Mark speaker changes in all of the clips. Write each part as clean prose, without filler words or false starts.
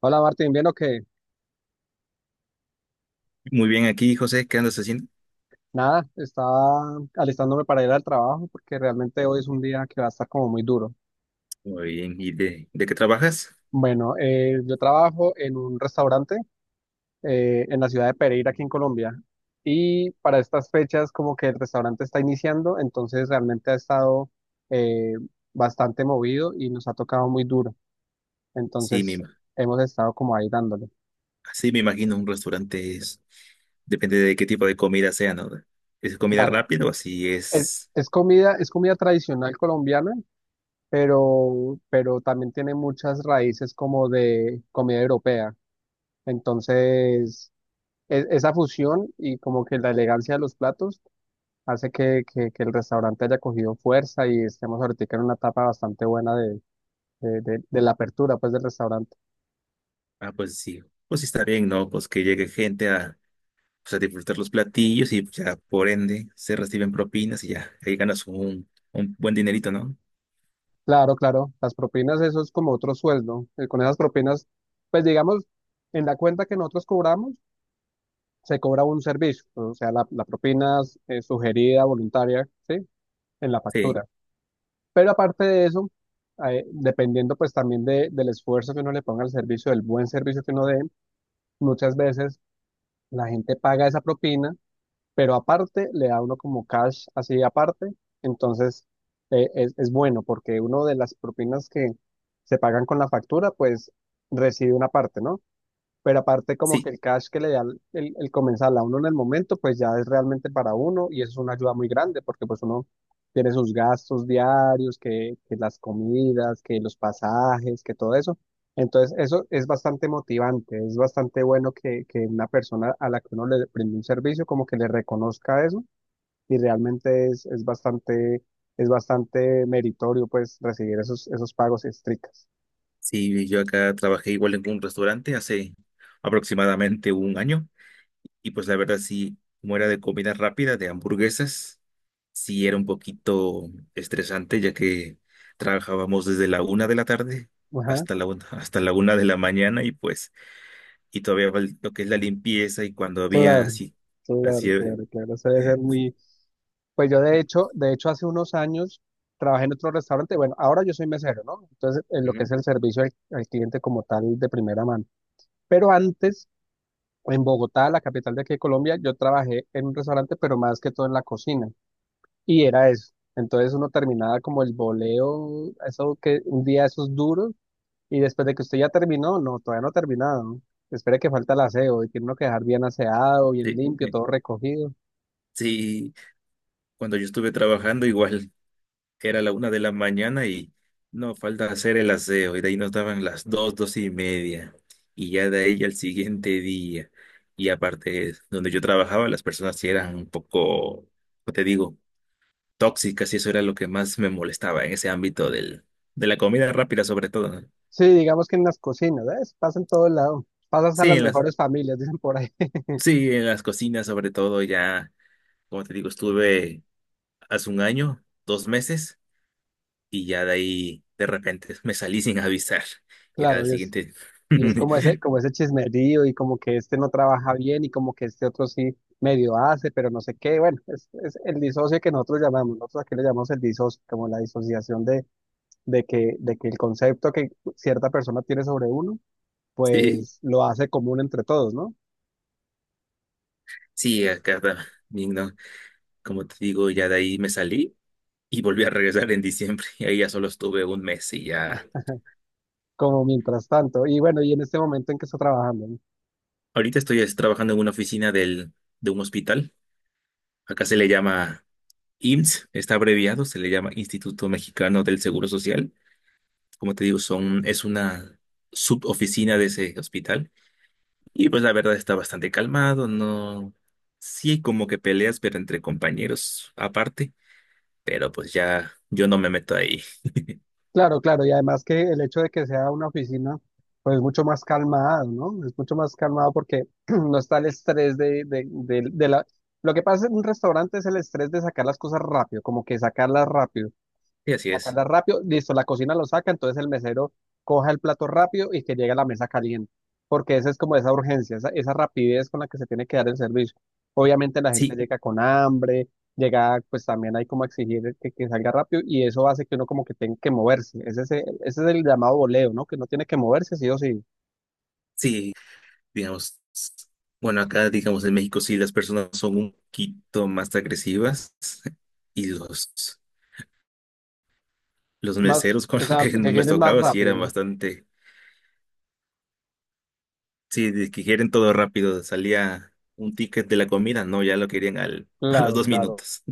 Speaker 1: Hola Martín, ¿bien o qué?
Speaker 2: Muy bien, aquí José, ¿qué andas haciendo?
Speaker 1: Nada, estaba alistándome para ir al trabajo porque realmente hoy es un día que va a estar como muy duro.
Speaker 2: Muy bien, ¿y de qué trabajas?
Speaker 1: Bueno, yo trabajo en un restaurante en la ciudad de Pereira, aquí en Colombia, y para estas fechas como que el restaurante está iniciando, entonces realmente ha estado eh, bastante movido y nos ha tocado muy duro.
Speaker 2: Sí, me,
Speaker 1: Entonces
Speaker 2: ima-
Speaker 1: hemos estado como ahí dándole.
Speaker 2: sí, me imagino un restaurante es, depende de qué tipo de comida sea, ¿no? ¿Es comida
Speaker 1: Claro,
Speaker 2: rápida o así es?
Speaker 1: es comida tradicional colombiana, pero también tiene muchas raíces como de comida europea. Entonces, esa fusión y como que la elegancia de los platos hace que el restaurante haya cogido fuerza y estemos ahorita en una etapa bastante buena de la apertura, pues, del restaurante.
Speaker 2: Ah, pues sí está bien, ¿no? Pues que llegue gente a, pues, a disfrutar los platillos y pues, ya por ende se reciben propinas y ya, ahí ganas un buen dinerito, ¿no?
Speaker 1: Claro, claro, las propinas, eso es como otro sueldo. Con esas propinas, pues, digamos, en la cuenta que nosotros cobramos, se cobra un servicio, o sea, la propina sugerida, voluntaria, ¿sí? En la
Speaker 2: Sí,
Speaker 1: factura. Pero aparte de eso, dependiendo pues también del esfuerzo que uno le ponga al servicio, del buen servicio que uno dé, muchas veces la gente paga esa propina, pero aparte le da uno como cash así aparte. Entonces es bueno porque uno de las propinas que se pagan con la factura, pues recibe una parte, ¿no? Pero aparte como que
Speaker 2: sí,
Speaker 1: el cash que le da el comensal a uno en el momento, pues ya es realmente para uno y eso es una ayuda muy grande porque pues uno tiene sus gastos diarios, que las comidas, que los pasajes, que todo eso. Entonces eso es bastante motivante, es bastante bueno que una persona a la que uno le prende un servicio como que le reconozca eso y realmente es bastante meritorio pues recibir esos, esos pagos estrictos.
Speaker 2: sí, yo acá trabajé igual en un restaurante hace aproximadamente un año. Y pues la verdad sí, como era de comida rápida, de hamburguesas, sí era un poquito estresante, ya que trabajábamos desde la una de la tarde
Speaker 1: Ajá,
Speaker 2: hasta la una de la mañana y pues, y todavía lo que es la limpieza y cuando había
Speaker 1: claro.
Speaker 2: así, así,
Speaker 1: Claro, claro, claro. Eso debe ser muy... Pues yo de hecho hace unos años trabajé en otro restaurante. Bueno, ahora yo soy mesero, ¿no? Entonces, en lo que
Speaker 2: ujú,
Speaker 1: es el servicio al cliente como tal de primera mano. Pero antes, en Bogotá, la capital de aquí de Colombia, yo trabajé en un restaurante, pero más que todo en la cocina. Y era eso. Entonces uno terminaba como el boleo, eso que un día esos duros, y después de que usted ya terminó, no, todavía no ha terminado, ¿no? Espere que falta el aseo, y tiene uno que dejar bien aseado, bien
Speaker 2: sí,
Speaker 1: limpio, todo recogido.
Speaker 2: sí, cuando yo estuve trabajando igual que era la una de la mañana y no falta hacer el aseo. Y de ahí nos daban las dos, dos y media. Y ya de ahí al siguiente día. Y aparte, donde yo trabajaba, las personas sí eran un poco, ¿cómo te digo? Tóxicas, y eso era lo que más me molestaba en ese ámbito del, de la comida rápida sobre todo, ¿no?
Speaker 1: Sí, digamos que en las cocinas, ¿ves? Pasa en todo lado. Pasas a
Speaker 2: Sí,
Speaker 1: las
Speaker 2: en las,
Speaker 1: mejores familias, dicen por ahí.
Speaker 2: sí, en las cocinas sobre todo ya, como te digo, estuve hace un año, dos meses y ya de ahí de repente me salí sin avisar. Ya
Speaker 1: Claro,
Speaker 2: al
Speaker 1: y es,
Speaker 2: siguiente
Speaker 1: y es como ese chismerío y como que este no trabaja bien y como que este otro sí medio hace, pero no sé qué. Bueno, es el disocio que nosotros llamamos, nosotros aquí le llamamos el disocio, como la disociación de, de que el concepto que cierta persona tiene sobre uno,
Speaker 2: Sí,
Speaker 1: pues lo hace común entre todos, ¿no?
Speaker 2: sí, acá también, ¿no? Como te digo, ya de ahí me salí y volví a regresar en diciembre. Y ahí ya solo estuve un mes y ya.
Speaker 1: Como mientras tanto. Y bueno, ¿y en este momento en que está trabajando?
Speaker 2: Ahorita estoy es, trabajando en una oficina del, de un hospital. Acá se le llama IMSS, está abreviado, se le llama Instituto Mexicano del Seguro Social. Como te digo, son, es una suboficina de ese hospital. Y pues la verdad está bastante calmado, no. Sí, hay como que peleas, pero entre compañeros aparte. Pero pues ya yo no me meto ahí.
Speaker 1: Claro, claro, y además que el hecho de que sea una oficina, pues es mucho más calmado, ¿no? Es mucho más calmado porque no está el estrés de la... Lo que pasa en un restaurante es el estrés de sacar las cosas rápido, como que sacarlas rápido,
Speaker 2: Y así es.
Speaker 1: sacarla rápido, listo, la cocina lo saca, entonces el mesero coja el plato rápido y que llegue a la mesa caliente, porque esa es como esa urgencia, esa rapidez con la que se tiene que dar el servicio. Obviamente la gente
Speaker 2: Sí,
Speaker 1: llega con hambre, llega, pues también hay como exigir que salga rápido y eso hace que uno como que tenga que moverse. Ese es, ese es el llamado voleo, ¿no? Que no tiene que moverse sí o sí.
Speaker 2: sí, digamos, bueno, acá, digamos, en México sí las personas son un poquito más agresivas y los
Speaker 1: Más,
Speaker 2: meseros con
Speaker 1: o
Speaker 2: los
Speaker 1: sea,
Speaker 2: que
Speaker 1: que
Speaker 2: me
Speaker 1: quieren más
Speaker 2: tocaba sí
Speaker 1: rápido,
Speaker 2: eran
Speaker 1: ¿no?
Speaker 2: bastante, sí, de que quieren todo rápido, salía un ticket de la comida, no, ya lo querían al, a los
Speaker 1: Claro,
Speaker 2: dos
Speaker 1: claro.
Speaker 2: minutos.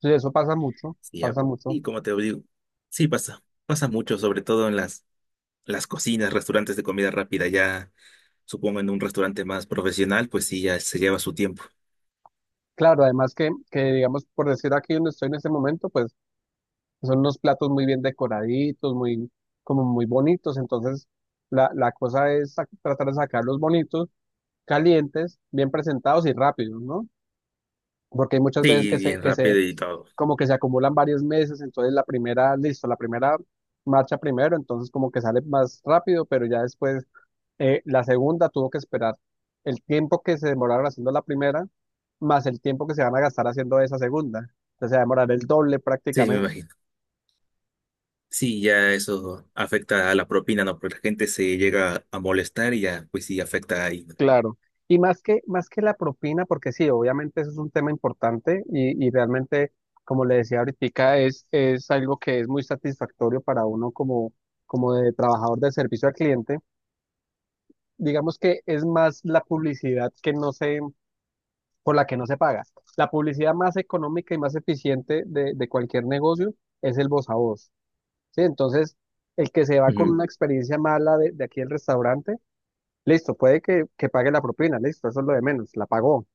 Speaker 1: Sí, eso pasa mucho,
Speaker 2: Sí, ya.
Speaker 1: pasa mucho.
Speaker 2: Y como te digo, sí pasa, pasa mucho, sobre todo en las cocinas, restaurantes de comida rápida, ya supongo en un restaurante más profesional, pues sí, ya se lleva su tiempo.
Speaker 1: Claro, además que digamos, por decir aquí donde estoy en este momento, pues son unos platos muy bien decoraditos, muy, como muy bonitos. Entonces, la cosa es tratar de sacarlos bonitos, calientes, bien presentados y rápidos, ¿no? Porque hay muchas veces
Speaker 2: Sí, bien
Speaker 1: que
Speaker 2: rápido
Speaker 1: se,
Speaker 2: y todo.
Speaker 1: como que se acumulan varios meses, entonces la primera, listo, la primera marcha primero, entonces como que sale más rápido, pero ya después la segunda tuvo que esperar el tiempo que se demoraron haciendo la primera, más el tiempo que se van a gastar haciendo esa segunda. Entonces se va a demorar el doble
Speaker 2: Sí, me
Speaker 1: prácticamente.
Speaker 2: imagino. Sí, ya eso afecta a la propina, ¿no? Porque la gente se llega a molestar y ya, pues sí, afecta ahí, ¿no?
Speaker 1: Claro. Y más que la propina, porque sí, obviamente eso es un tema importante y realmente, como le decía ahorita, es algo que es muy satisfactorio para uno como, como de trabajador de servicio al cliente. Digamos que es más la publicidad que no se, por la que no se paga. La publicidad más económica y más eficiente de cualquier negocio es el voz a voz. ¿Sí? Entonces, el que se va con
Speaker 2: Ujú.
Speaker 1: una experiencia mala de aquí el restaurante, listo, puede que pague la propina, listo, eso es lo de menos, la pagó,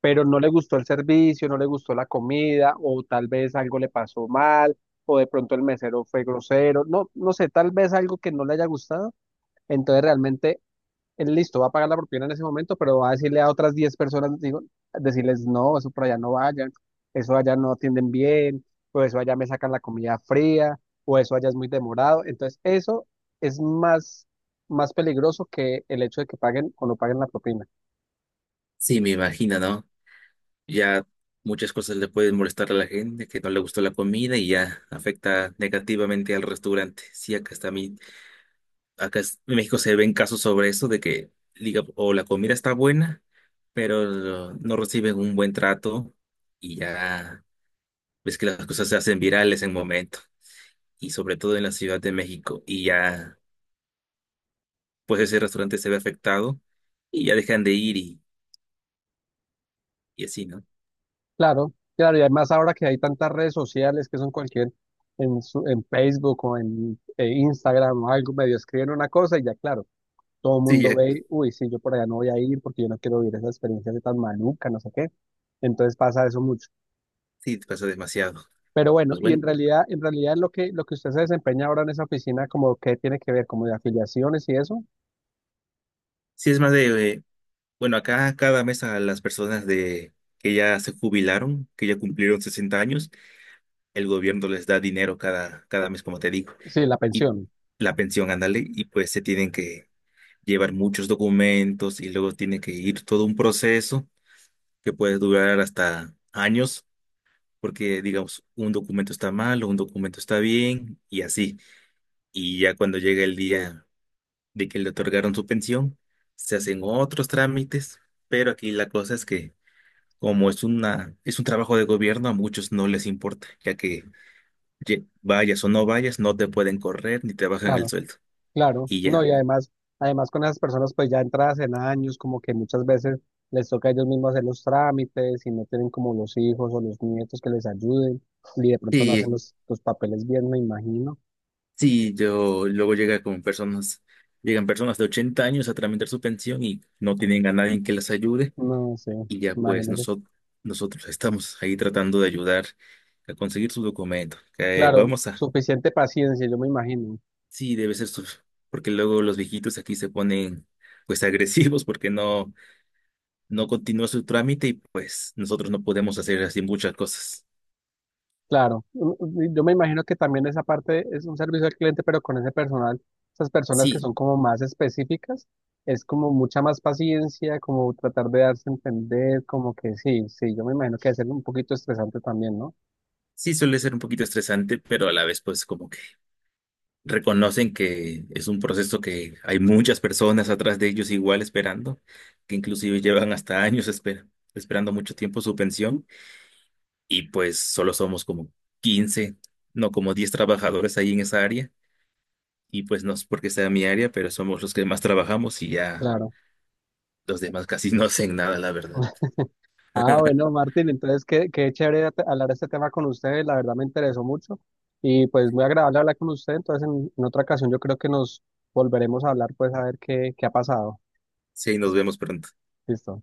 Speaker 1: pero no le gustó el servicio, no le gustó la comida, o tal vez algo le pasó mal, o de pronto el mesero fue grosero, no, no sé, tal vez algo que no le haya gustado, entonces realmente él listo, va a pagar la propina en ese momento, pero va a decirle a otras 10 personas, digo, decirles, no, eso por allá no vayan, eso allá no atienden bien, o eso allá me sacan la comida fría, o eso allá es muy demorado, entonces eso es más, más peligroso que el hecho de que paguen o no paguen la propina.
Speaker 2: Sí, me imagino, ¿no? Ya muchas cosas le pueden molestar a la gente, que no le gustó la comida y ya afecta negativamente al restaurante. Sí, acá está mi, acá en México se ven casos sobre eso de que diga, o la comida está buena, pero no reciben un buen trato y ya ves que las cosas se hacen virales en momento y sobre todo en la Ciudad de México y ya pues ese restaurante se ve afectado y ya dejan de ir y así, ¿no?
Speaker 1: Claro, claro, y además ahora que hay tantas redes sociales que son cualquier, en, en Facebook o en Instagram o algo, medio escriben una cosa y ya claro, todo el
Speaker 2: Sí,
Speaker 1: mundo
Speaker 2: ya
Speaker 1: ve, y uy, sí, yo por allá no voy a ir porque yo no quiero vivir esa experiencia de tan maluca, no sé qué. Entonces pasa eso mucho.
Speaker 2: sí pasa demasiado.
Speaker 1: Pero bueno,
Speaker 2: Pues
Speaker 1: y
Speaker 2: bueno,
Speaker 1: en realidad lo que usted se desempeña ahora en esa oficina, como que tiene que ver, como de afiliaciones y eso,
Speaker 2: sí es más de, bueno, acá cada mes a las personas de que ya se jubilaron, que ya cumplieron 60 años, el gobierno les da dinero cada mes, como te digo,
Speaker 1: sí, la
Speaker 2: y
Speaker 1: pensión,
Speaker 2: la pensión, ándale, y pues se tienen que llevar muchos documentos y luego tiene que ir todo un proceso que puede durar hasta años, porque digamos, un documento está mal o un documento está bien y así. Y ya cuando llega el día de que le otorgaron su pensión, se hacen otros trámites, pero aquí la cosa es que como es una, es un trabajo de gobierno, a muchos no les importa, ya que vayas o no vayas, no te pueden correr ni te bajan el
Speaker 1: claro.
Speaker 2: sueldo.
Speaker 1: Claro,
Speaker 2: Y
Speaker 1: no, y
Speaker 2: ya.
Speaker 1: además, además con esas personas pues ya entradas en años, como que muchas veces les toca a ellos mismos hacer los trámites y no tienen como los hijos o los nietos que les ayuden y de pronto no hacen
Speaker 2: Sí,
Speaker 1: los papeles bien, me imagino.
Speaker 2: sí, yo luego llega con personas, llegan personas de 80 años a tramitar su pensión y no tienen a nadie que les ayude.
Speaker 1: No sé,
Speaker 2: Y ya pues
Speaker 1: imagínese.
Speaker 2: nosotros estamos ahí tratando de ayudar a conseguir su documento. Que
Speaker 1: Claro,
Speaker 2: vamos a
Speaker 1: suficiente paciencia, yo me imagino.
Speaker 2: sí, debe ser porque luego los viejitos aquí se ponen pues agresivos porque no, no continúa su trámite y pues nosotros no podemos hacer así muchas cosas.
Speaker 1: Claro, yo me imagino que también esa parte es un servicio al cliente, pero con ese personal, esas personas que
Speaker 2: Sí,
Speaker 1: son como más específicas, es como mucha más paciencia, como tratar de darse a entender, como que sí, sí, yo me imagino que debe ser un poquito estresante también, ¿no?
Speaker 2: sí suele ser un poquito estresante, pero a la vez pues como que reconocen que es un proceso que hay muchas personas atrás de ellos igual esperando, que inclusive llevan hasta años esperando mucho tiempo su pensión y pues solo somos como 15, no como 10 trabajadores ahí en esa área. Y pues no es porque sea mi área, pero somos los que más trabajamos y ya
Speaker 1: Claro.
Speaker 2: los demás casi no hacen nada, la verdad.
Speaker 1: Ah, bueno, Martín, entonces qué, qué chévere hablar de este tema con ustedes, la verdad me interesó mucho y pues muy agradable hablar con usted, entonces en otra ocasión yo creo que nos volveremos a hablar, pues a ver qué, qué ha pasado.
Speaker 2: Sí, nos vemos pronto.
Speaker 1: Listo.